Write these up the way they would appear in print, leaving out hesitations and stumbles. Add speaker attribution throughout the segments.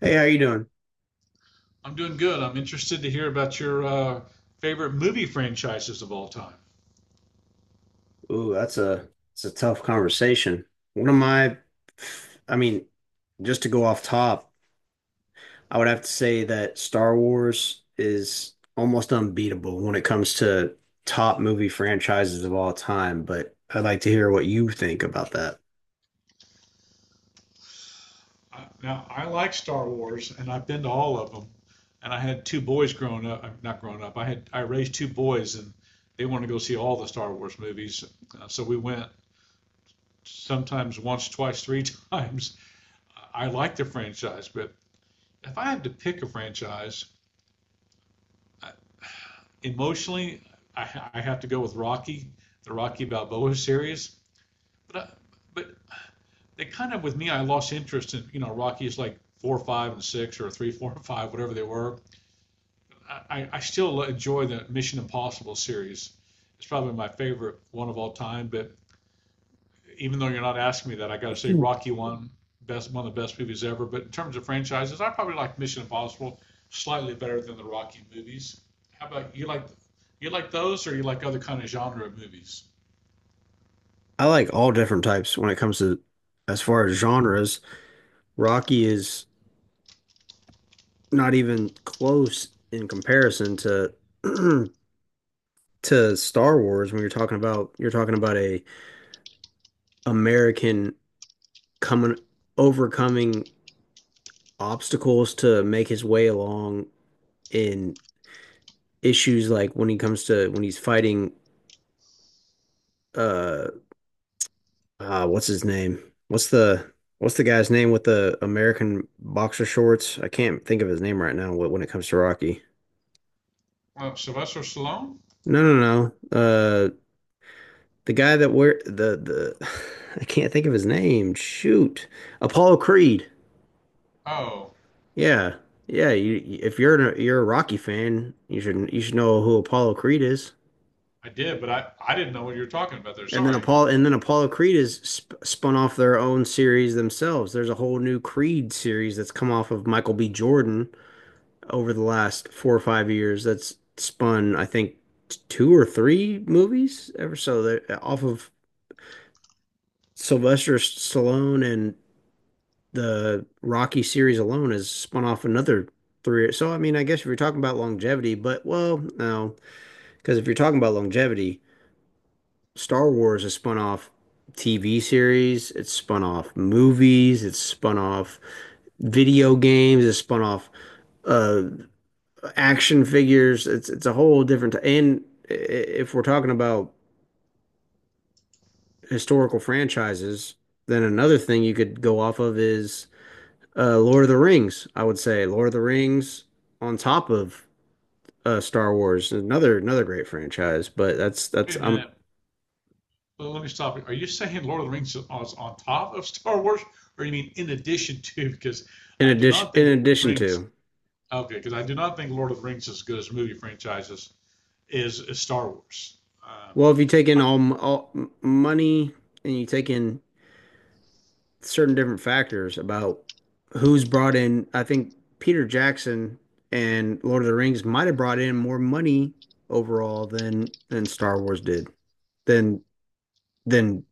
Speaker 1: Hey, how you doing?
Speaker 2: I'm doing good. I'm interested to hear about your favorite movie franchises of all time.
Speaker 1: Ooh, that's a it's a tough conversation. One of my, I mean, just to go off top, I would have to say that Star Wars is almost unbeatable when it comes to top movie franchises of all time, but I'd like to hear what you think about that.
Speaker 2: Now, I like Star Wars, and I've been to all of them. And I had two boys growing up. Not growing up. I raised two boys, and they wanted to go see all the Star Wars movies. So we went sometimes once, twice, three times. I like the franchise, but if I had to pick a franchise, I, emotionally, I have to go with Rocky, the Rocky Balboa series. But I, but it kind of with me, I lost interest in Rockies like four, five, and six, or three, four, and five, whatever they were. I still enjoy the Mission Impossible series. It's probably my favorite one of all time. But even though you're not asking me that, I got to say Rocky one best one of the best movies ever. But in terms of franchises, I probably like Mission Impossible slightly better than the Rocky movies. How about you, like you like those or you like other kind of genre of movies?
Speaker 1: I like all different types when it comes to, as far as genres. Rocky is not even close in comparison to to Star Wars when you're talking about a American coming overcoming obstacles to make his way along in issues like when he's fighting uh what's his name? What's the what's the guy's name with the American boxer shorts? I can't think of his name right now when it comes to Rocky.
Speaker 2: Sylvester Stallone?
Speaker 1: No, no, no. Uh the guy that wear the I can't think of his name. Shoot. Apollo Creed.
Speaker 2: Oh,
Speaker 1: Yeah. Yeah, if you're a Rocky fan, you should know who Apollo Creed is.
Speaker 2: I did, but I didn't know what you were talking about there.
Speaker 1: And then
Speaker 2: Sorry.
Speaker 1: Apollo and then Apollo Creed is sp spun off their own series themselves. There's a whole new Creed series that's come off of Michael B. Jordan over the last 4 or 5 years. That's spun, I think, two or three movies ever so that off of Sylvester Stallone, and the Rocky series alone has spun off another three. So, I mean, I guess if you're talking about longevity, but well, no. Because if you're talking about longevity, Star Wars has spun off TV series, it's spun off movies, it's spun off video games, it's spun off uh, action figures. It's a whole different. And if we're talking about historical franchises, then another thing you could go off of is Lord of the Rings. I would say Lord of the Rings on top of Star Wars, another great franchise. But that's
Speaker 2: Wait
Speaker 1: that's
Speaker 2: a minute, but let me stop you. Are you saying Lord of the Rings is on top of Star Wars, or you mean in addition to? Because
Speaker 1: in
Speaker 2: I do
Speaker 1: addition
Speaker 2: not
Speaker 1: in
Speaker 2: think Lord of the
Speaker 1: addition
Speaker 2: Rings.
Speaker 1: to.
Speaker 2: Okay, because I do not think Lord of the Rings is as good as movie franchises is Star Wars. Um,
Speaker 1: Well, if you take in
Speaker 2: I-
Speaker 1: money, and you take in certain different factors about who's brought in, I think Peter Jackson and Lord of the Rings might have brought in more money overall than Star Wars did, than than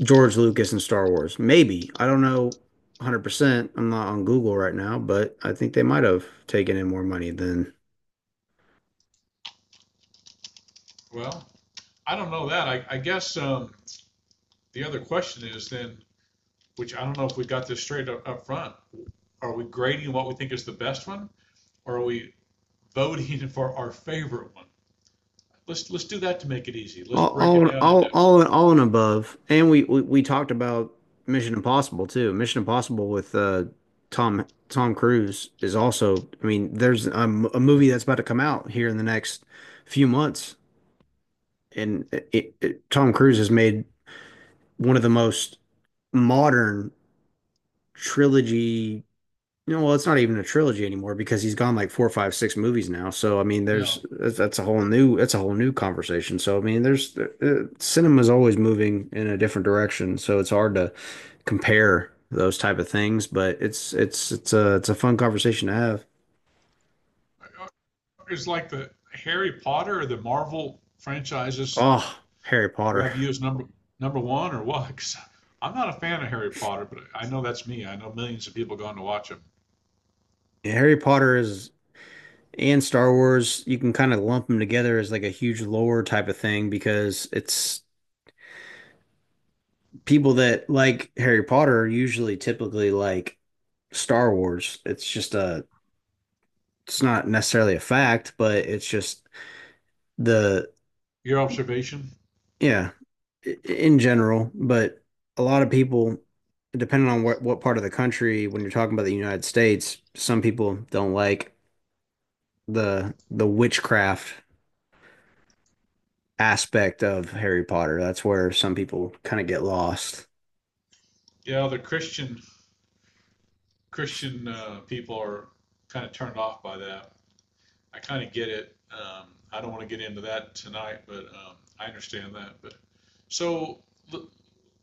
Speaker 1: George Lucas and Star Wars. Maybe. I don't know 100%. I'm not on Google right now, but I think they might have taken in more money than
Speaker 2: well, I don't know that. I guess the other question is then, which I don't know if we got this straight up front. Are we grading what we think is the best one, or are we voting for our favorite one? Let's do that to make it easy. Let's
Speaker 1: All,
Speaker 2: break it
Speaker 1: all,
Speaker 2: down
Speaker 1: all,
Speaker 2: into.
Speaker 1: all, all and above. And we talked about Mission Impossible too. Mission Impossible with Tom Cruise is also. I mean, there's a movie that's about to come out here in the next few months, and Tom Cruise has made one of the most modern trilogy. Well, it's not even a trilogy anymore because he's gone like four, five, six movies now. So, I mean,
Speaker 2: Yeah.
Speaker 1: there's that's a whole new conversation. So, I mean, there's cinema's always moving in a different direction. So it's hard to compare those type of things, but it's a fun conversation to have.
Speaker 2: It's like the Harry Potter or the Marvel franchises
Speaker 1: Oh, Harry Potter.
Speaker 2: grab you as number one or what? 'Cause I'm not a fan of Harry Potter, but I know that's me. I know millions of people going to watch them.
Speaker 1: Yeah, Harry Potter is and Star Wars, you can kind of lump them together as like a huge lore type of thing, because it's people that like Harry Potter usually typically like Star Wars. It's not necessarily a fact, but it's just the
Speaker 2: Your observation?
Speaker 1: yeah, in general, but a lot of people, depending on what part of the country, when you're talking about the United States, some people don't like the witchcraft aspect of Harry Potter. That's where some people kind of get lost.
Speaker 2: Yeah, the Christian people are kind of turned off by that. I kind of get it. I don't want to get into that tonight, but I understand that. But so,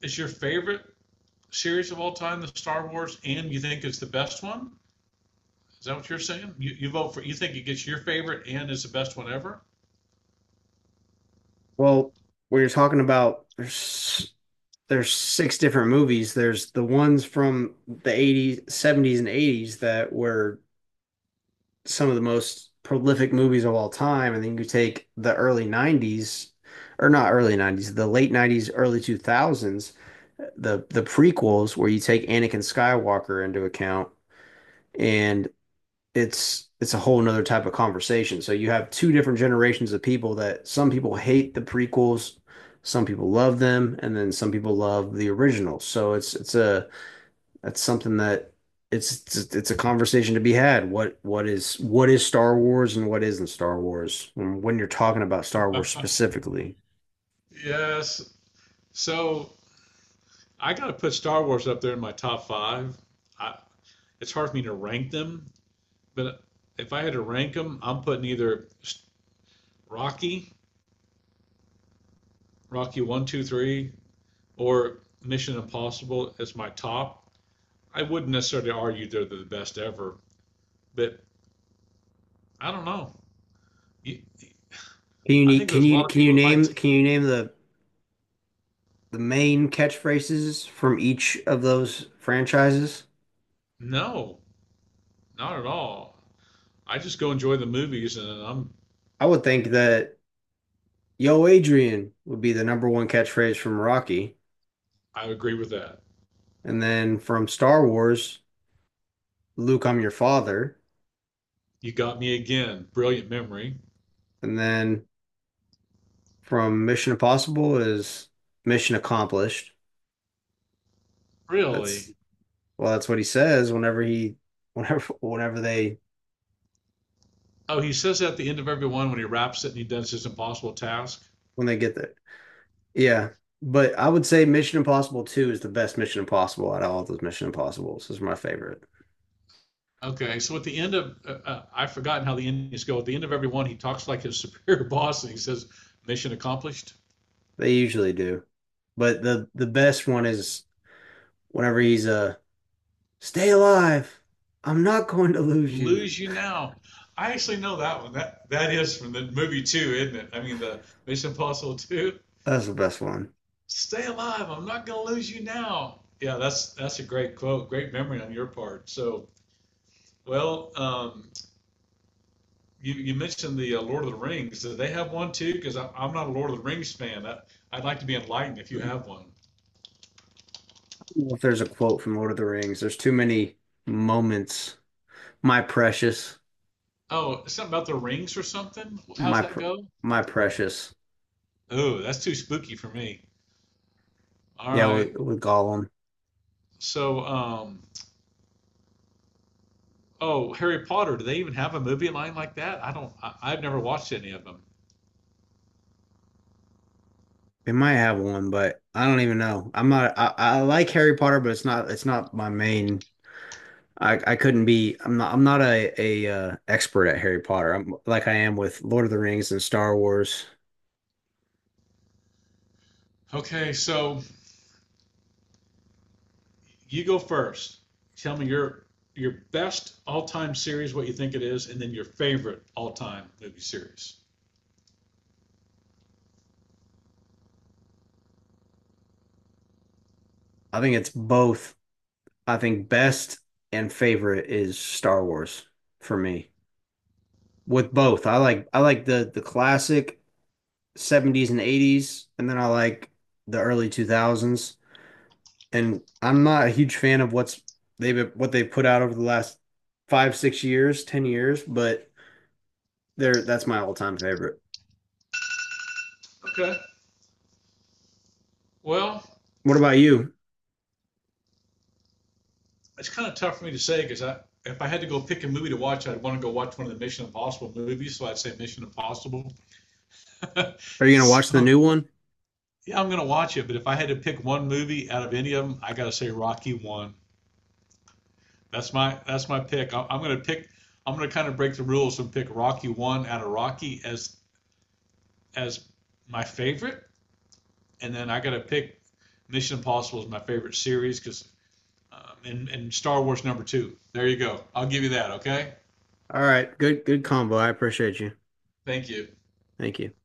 Speaker 2: is your favorite series of all time the Star Wars, and you think it's the best one? Is that what you're saying? You vote for, you think it gets your favorite and is the best one ever?
Speaker 1: Well, when you are talking about, there's six different movies. There's the ones from the 80s, 70s, and 80s that were some of the most prolific movies of all time, and then you take the early 90s, or not early 90s, the late 90s, early 2000s, the prequels where you take Anakin Skywalker into account, and it's a whole nother type of conversation. So you have two different generations of people. That some people hate the prequels, some people love them, and then some people love the originals. So it's a that's something that it's a conversation to be had. What is Star Wars, and what isn't Star Wars? And when you're talking about Star Wars specifically,
Speaker 2: Yes. So I got to put Star Wars up there in my top five. I, it's hard for me to rank them, but if I had to rank them, I'm putting either Rocky, Rocky one, two, three, or Mission Impossible as my top. I wouldn't necessarily argue they're the best ever, but I don't know. You-
Speaker 1: can you
Speaker 2: I
Speaker 1: ne-
Speaker 2: think there's a lot of people that might.
Speaker 1: can you name the main catchphrases from each of those franchises?
Speaker 2: No, not at all. I just go enjoy the movies, and I'm
Speaker 1: I would think that Yo Adrian would be the number one catchphrase from Rocky,
Speaker 2: I agree with that.
Speaker 1: and then from Star Wars, Luke, I'm your father,
Speaker 2: You got me again. Brilliant memory.
Speaker 1: and then from Mission Impossible is Mission Accomplished. That's
Speaker 2: Really?
Speaker 1: Well, that's what he says whenever he, whenever, whenever they,
Speaker 2: Oh, he says that at the end of every one when he wraps it and he does his impossible task.
Speaker 1: when they get there. Yeah. But I would say Mission Impossible 2 is the best Mission Impossible out of all those Mission Impossibles. Is my favorite.
Speaker 2: Okay, so at the end of, I've forgotten how the endings go. At the end of every one, he talks like his superior boss and he says, "Mission accomplished."
Speaker 1: They usually do. But the best one is whenever he's stay alive. I'm not going to lose you.
Speaker 2: Lose you now. I actually know that one. That is from the movie two, isn't it? I mean, the Mission Impossible two.
Speaker 1: That's the best one.
Speaker 2: Stay alive. I'm not gonna lose you now. Yeah, that's a great quote. Great memory on your part. So, well, you, you mentioned the Lord of the Rings. Do they have one too? Because I'm not a Lord of the Rings fan. I, I'd like to be enlightened if
Speaker 1: I
Speaker 2: you
Speaker 1: don't
Speaker 2: have one.
Speaker 1: know if there's a quote from Lord of the Rings. There's too many moments. My precious,
Speaker 2: Oh, something about the rings or something? How's
Speaker 1: my
Speaker 2: that
Speaker 1: pr
Speaker 2: go?
Speaker 1: my precious.
Speaker 2: Oh, that's too spooky for me. All
Speaker 1: Yeah,
Speaker 2: right.
Speaker 1: with Gollum.
Speaker 2: So, oh, Harry Potter. Do they even have a movie line like that? I don't. I've never watched any of them.
Speaker 1: It might have one, but I don't even know. I'm not. I like Harry Potter, but it's not. It's not my main. I couldn't be. I'm not. I'm not a expert at Harry Potter. I'm like I am with Lord of the Rings and Star Wars.
Speaker 2: Okay, so you go first. Tell me your best all-time series, what you think it is, and then your favorite all-time movie series.
Speaker 1: I think it's both. I think best and favorite is Star Wars for me. With both, I like the classic 70s and 80s, and then I like the early 2000s. And I'm not a huge fan of what they've put out over the last five, 6 years, 10 years, but they're that's my all time favorite.
Speaker 2: Okay. Well,
Speaker 1: What about you?
Speaker 2: it's kind of tough for me to say because I, if I had to go pick a movie to watch, I'd want to go watch one of the Mission Impossible movies. So I'd say Mission Impossible.
Speaker 1: Are you gonna watch the
Speaker 2: So
Speaker 1: new one?
Speaker 2: yeah, I'm gonna watch it. But if I had to pick one movie out of any of them, I gotta say Rocky One. That's my pick. I'm gonna pick. I'm gonna kind of break the rules and pick Rocky One out of Rocky as as my favorite, and then I gotta pick Mission Impossible as my favorite series because and Star Wars number two. There you go. I'll give you that. Okay.
Speaker 1: All right, good combo. I appreciate you.
Speaker 2: Thank you.
Speaker 1: Thank you.